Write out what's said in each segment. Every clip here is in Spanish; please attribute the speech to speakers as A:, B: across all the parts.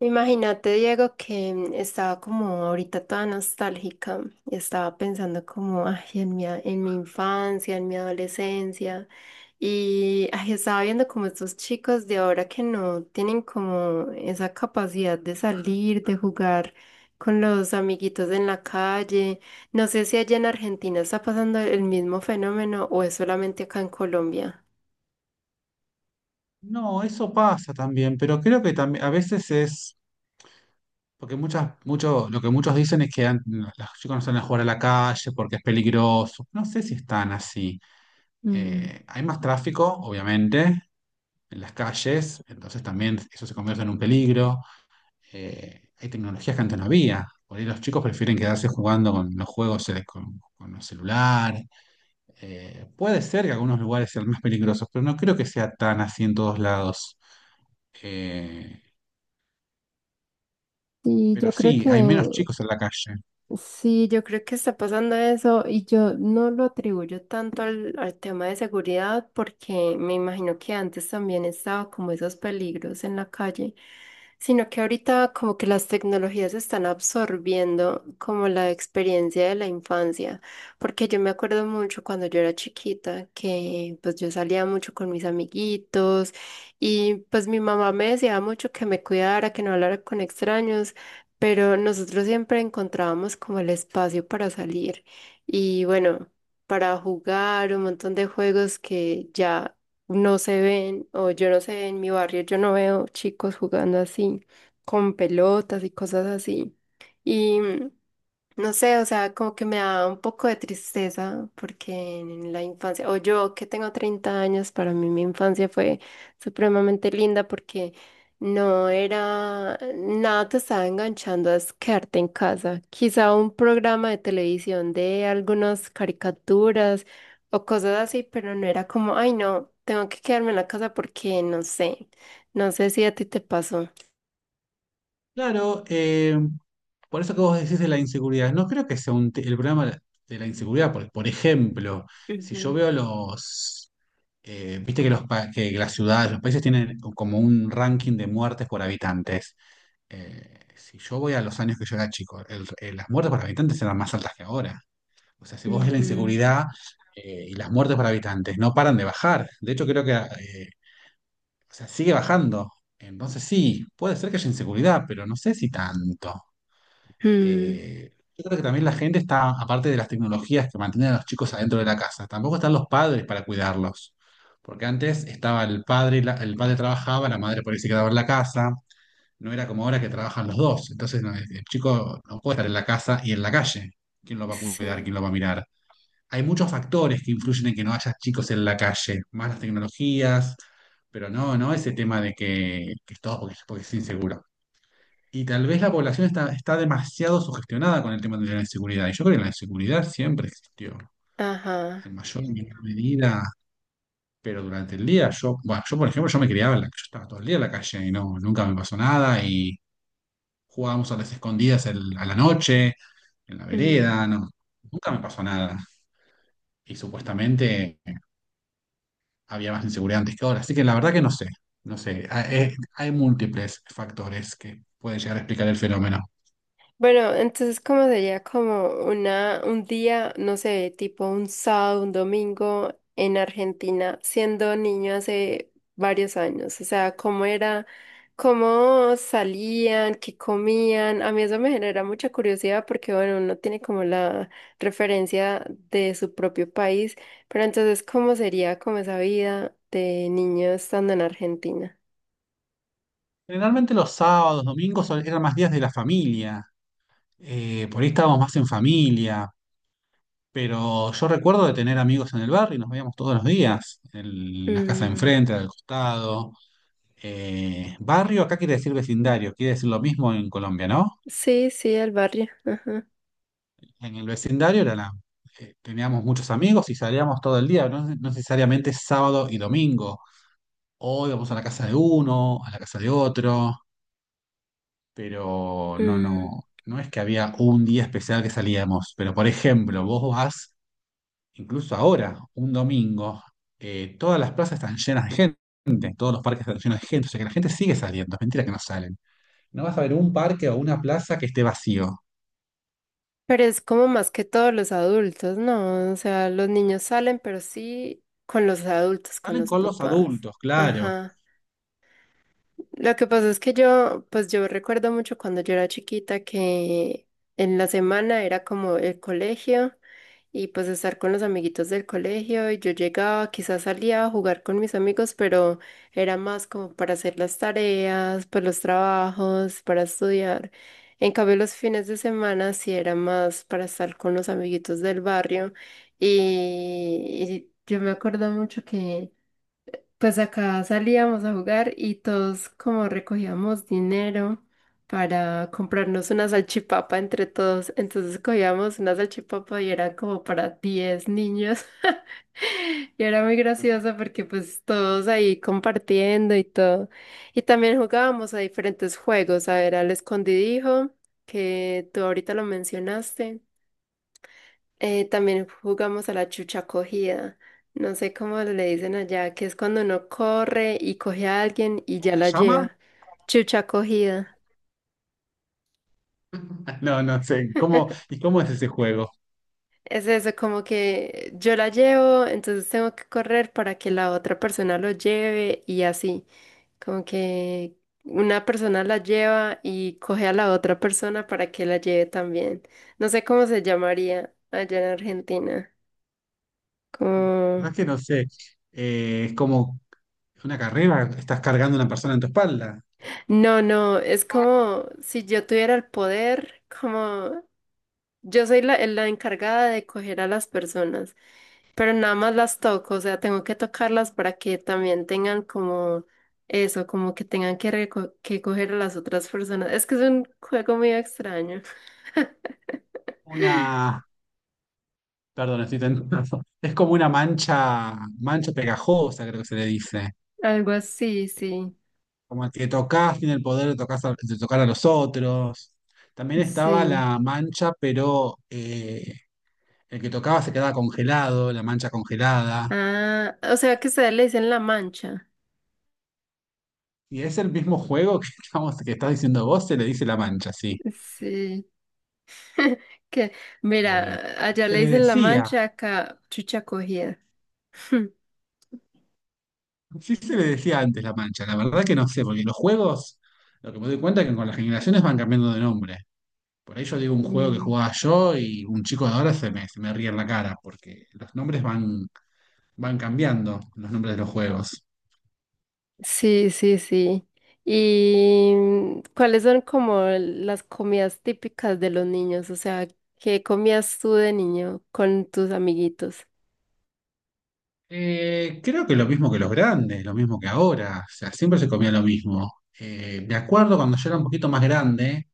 A: Imagínate, Diego, que estaba como ahorita toda nostálgica y estaba pensando como ay, en en mi infancia, en mi adolescencia y ay, estaba viendo como estos chicos de ahora que no tienen como esa capacidad de salir, de jugar con los amiguitos en la calle. No sé si allá en Argentina está pasando el mismo fenómeno o es solamente acá en Colombia.
B: No, eso pasa también, pero creo que también a veces es, porque muchas, mucho, lo que muchos dicen es que los chicos no salen a jugar a la calle porque es peligroso. No sé si están así.
A: Mm,
B: Hay más tráfico, obviamente, en las calles, entonces también eso se convierte en un peligro. Hay tecnologías que antes no había. Por ahí los chicos prefieren quedarse jugando con los juegos, con el celular. Puede ser que algunos lugares sean más peligrosos, pero no creo que sea tan así en todos lados. Eh,
A: Sí,
B: Pero
A: yo creo
B: sí,
A: que
B: hay menos chicos en la calle.
A: Sí, yo creo que está pasando eso y yo no lo atribuyo tanto al tema de seguridad porque me imagino que antes también estaba como esos peligros en la calle, sino que ahorita como que las tecnologías están absorbiendo como la experiencia de la infancia, porque yo me acuerdo mucho cuando yo era chiquita que pues yo salía mucho con mis amiguitos y pues mi mamá me decía mucho que me cuidara, que no hablara con extraños pero nosotros siempre encontrábamos como el espacio para salir y bueno, para jugar un montón de juegos que ya no se ven o yo no sé, en mi barrio yo no veo chicos jugando así, con pelotas y cosas así. Y no sé, o sea, como que me da un poco de tristeza porque en la infancia, o yo que tengo 30 años, para mí mi infancia fue supremamente linda porque no era, nada te estaba enganchando a es quedarte en casa. Quizá un programa de televisión de algunas caricaturas o cosas así, pero no era como, ay no, tengo que quedarme en la casa porque no sé, no sé si a ti te pasó.
B: Claro. Por eso que vos decís de la inseguridad, no creo que sea el problema de la inseguridad, porque, por ejemplo, si
A: Ujú,
B: yo veo los, viste que, que las ciudades, los países tienen como un ranking de muertes por habitantes. Si yo voy a los años que yo era chico, las muertes por habitantes eran más altas que ahora. O sea, si vos ves la
A: ujú.
B: inseguridad y las muertes por habitantes, no paran de bajar. De hecho, creo que sigue bajando. Entonces sí, puede ser que haya inseguridad, pero no sé si tanto.
A: Mm,
B: Yo creo que también la gente está, aparte de las tecnologías que mantienen a los chicos adentro de la casa, tampoco están los padres para cuidarlos. Porque antes estaba el padre, y el padre trabajaba, la madre por ahí se quedaba en la casa. No era como ahora que trabajan los dos. Entonces no, el chico no puede estar en la casa y en la calle. ¿Quién lo va a cuidar? ¿Quién
A: sí,
B: lo va a mirar? Hay muchos factores que influyen en que no haya chicos en la calle, más las tecnologías, pero no ese tema de que es todo porque, porque es inseguro. Y tal vez la población está demasiado sugestionada con el tema de la inseguridad. Y yo creo que la inseguridad siempre existió,
A: ajá.
B: en mayor o menor medida, pero durante el día, yo, bueno, yo por ejemplo, yo me criaba, yo estaba todo el día en la calle y no, nunca me pasó nada, y jugábamos a las escondidas a la noche, en la
A: Mm.
B: vereda, no, nunca me pasó nada. Y supuestamente había más inseguridad antes que ahora. Así que la verdad que no sé, no sé. Hay, hay múltiples factores que pueden llegar a explicar el fenómeno.
A: Bueno, entonces como sería como una, un día, no sé, tipo un sábado, un domingo en Argentina, siendo niño hace varios años. O sea, cómo era, cómo salían, qué comían. A mí eso me genera mucha curiosidad porque, bueno, uno tiene como la referencia de su propio país, pero entonces, ¿cómo sería como esa vida de niño estando en Argentina?
B: Generalmente los sábados, domingos eran más días de la familia. Por ahí estábamos más en familia. Pero yo recuerdo de tener amigos en el barrio y nos veíamos todos los días, en la casa de
A: Mm,
B: enfrente, al costado. Barrio acá quiere decir vecindario, quiere decir lo mismo en Colombia, ¿no?
A: sí, sí, el barrio. Ajá.
B: En el vecindario era teníamos muchos amigos y salíamos todo el día, no necesariamente sábado y domingo. O íbamos a la casa de uno, a la casa de otro, pero no,
A: Mm.
B: no, no es que había un día especial que salíamos. Pero por ejemplo, vos vas, incluso ahora, un domingo, todas las plazas están llenas de gente, todos los parques están llenos de gente, o sea que la gente sigue saliendo, es mentira que no salen. No vas a ver un parque o una plaza que esté vacío.
A: Pero es como más que todos los adultos, ¿no? O sea, los niños salen, pero sí con los adultos, con
B: Salen
A: los
B: con los
A: papás.
B: adultos, claro.
A: Ajá. Lo que pasa es que yo, pues yo recuerdo mucho cuando yo era chiquita que en la semana era como el colegio y pues estar con los amiguitos del colegio y yo llegaba, quizás salía a jugar con mis amigos, pero era más como para hacer las tareas, pues los trabajos, para estudiar. En cambio, los fines de semana sí era más para estar con los amiguitos del barrio y yo me acuerdo mucho que... Pues acá salíamos a jugar y todos como recogíamos dinero para comprarnos una salchipapa entre todos. Entonces cogíamos una salchipapa y era como para 10 niños. Y era muy gracioso porque pues todos ahí compartiendo y todo. Y también jugábamos a diferentes juegos, a ver, al escondidijo, que tú ahorita lo mencionaste. También jugamos a la chucha cogida. No sé cómo le dicen allá, que es cuando uno corre y coge a alguien y
B: ¿Cómo
A: ya
B: se
A: la
B: llama?
A: lleva. Chucha cogida.
B: No, no sé. ¿Cómo, y cómo es ese juego?
A: Es eso, como que yo la llevo, entonces tengo que correr para que la otra persona lo lleve y así. Como que una persona la lleva y coge a la otra persona para que la lleve también. No sé cómo se llamaría allá en Argentina. Como
B: No, es que no sé. Es como Es una carrera, estás cargando una persona en tu espalda.
A: no, no, es como si yo tuviera el poder, como yo soy la encargada de coger a las personas, pero nada más las toco, o sea, tengo que tocarlas para que también tengan como eso, como que tengan que, que coger a las otras personas. Es que es un juego muy extraño.
B: Una, perdón, estoy tentado. Es como una mancha, mancha pegajosa, creo que se le dice.
A: Algo así, sí,
B: Como que tocas, tiene el poder de tocar a los otros. También estaba
A: sí.
B: la mancha, pero el que tocaba se quedaba congelado, la mancha congelada.
A: Ah, o sea que ustedes le dicen la mancha.
B: Y es el mismo juego que estás diciendo vos, se le dice la mancha, sí.
A: Sí. Que,
B: Eh,
A: mira, allá
B: se
A: le
B: le
A: dicen la
B: decía.
A: mancha, acá chucha cogida.
B: Sí, se le decía antes La Mancha, la verdad que no sé, porque los juegos, lo que me doy cuenta es que con las generaciones van cambiando de nombre. Por ahí yo digo un juego que
A: Mm,
B: jugaba yo y un chico de ahora se me ríe en la cara, porque los nombres van, van cambiando, los nombres de los juegos.
A: Sí, sí, sí. ¿Y cuáles son como las comidas típicas de los niños? O sea, ¿qué comías tú de niño con tus amiguitos?
B: Creo que lo mismo que los grandes, lo mismo que ahora, o sea, siempre se comía lo mismo. Me acuerdo cuando yo era un poquito más grande,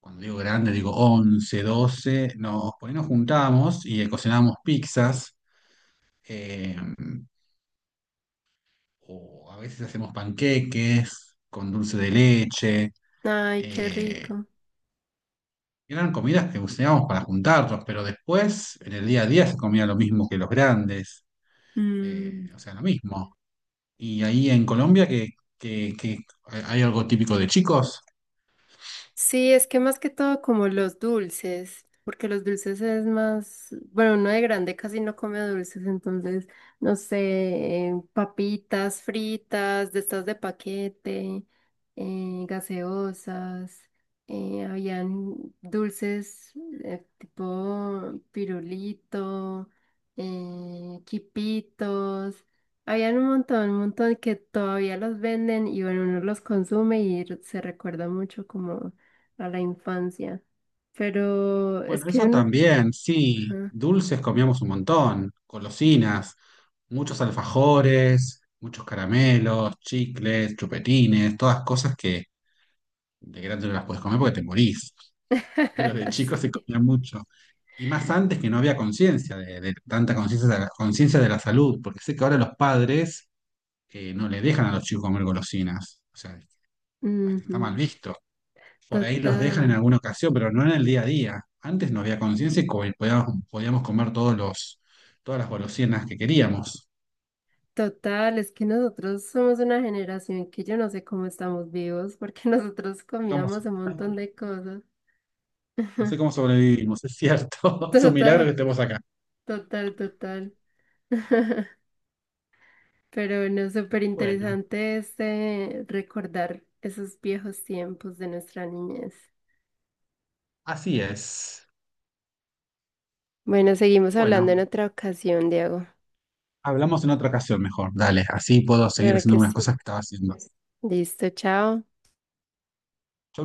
B: cuando digo grande digo 11 12 nos, por ahí nos juntábamos y cocinábamos pizzas. Eh, o a veces hacemos panqueques con dulce de leche.
A: Ay, qué
B: eh,
A: rico.
B: Eran comidas que usábamos para juntarnos, pero después, en el día a día, se comía lo mismo que los grandes, o sea, lo mismo. Y ahí en Colombia, que hay algo típico de chicos.
A: Sí, es que más que todo como los dulces, porque los dulces es más, bueno, uno de grande casi no come dulces, entonces, no sé, papitas fritas, de estas de paquete, gaseosas, habían dulces tipo pirulito, quipitos. Habían un montón que todavía los venden y bueno, uno los consume y se recuerda mucho como a la infancia. Pero es
B: Bueno,
A: que
B: eso
A: no.
B: también, sí,
A: Ajá.
B: dulces comíamos un montón, golosinas, muchos alfajores, muchos caramelos, chicles, chupetines, todas cosas que de grande no las puedes comer porque te morís. Pero de chico se
A: Sí.
B: comía mucho. Y más antes que no había conciencia, de tanta conciencia conciencia de la salud, porque sé que ahora los padres no le dejan a los chicos comer golosinas. O sea, hasta está mal
A: Ujú.
B: visto. Por ahí los dejan en
A: Total,
B: alguna ocasión, pero no en el día a día. Antes no había conciencia y y podíamos comer todas las golosinas que queríamos.
A: total. Es que nosotros somos una generación que yo no sé cómo estamos vivos porque nosotros
B: No
A: comíamos
B: sé
A: un
B: cómo
A: montón de cosas.
B: no sé cómo sobrevivimos, es cierto. Es un milagro
A: Total,
B: que estemos acá.
A: total, total. Pero no, súper
B: Bueno,
A: interesante este recordar esos viejos tiempos de nuestra niñez.
B: así es.
A: Bueno, seguimos hablando en
B: Bueno.
A: otra ocasión, Diego.
B: Hablamos en otra ocasión mejor. Dale, así puedo seguir
A: Claro
B: haciendo
A: que
B: unas
A: sí.
B: cosas que estaba haciendo.
A: Listo, chao.
B: Chau,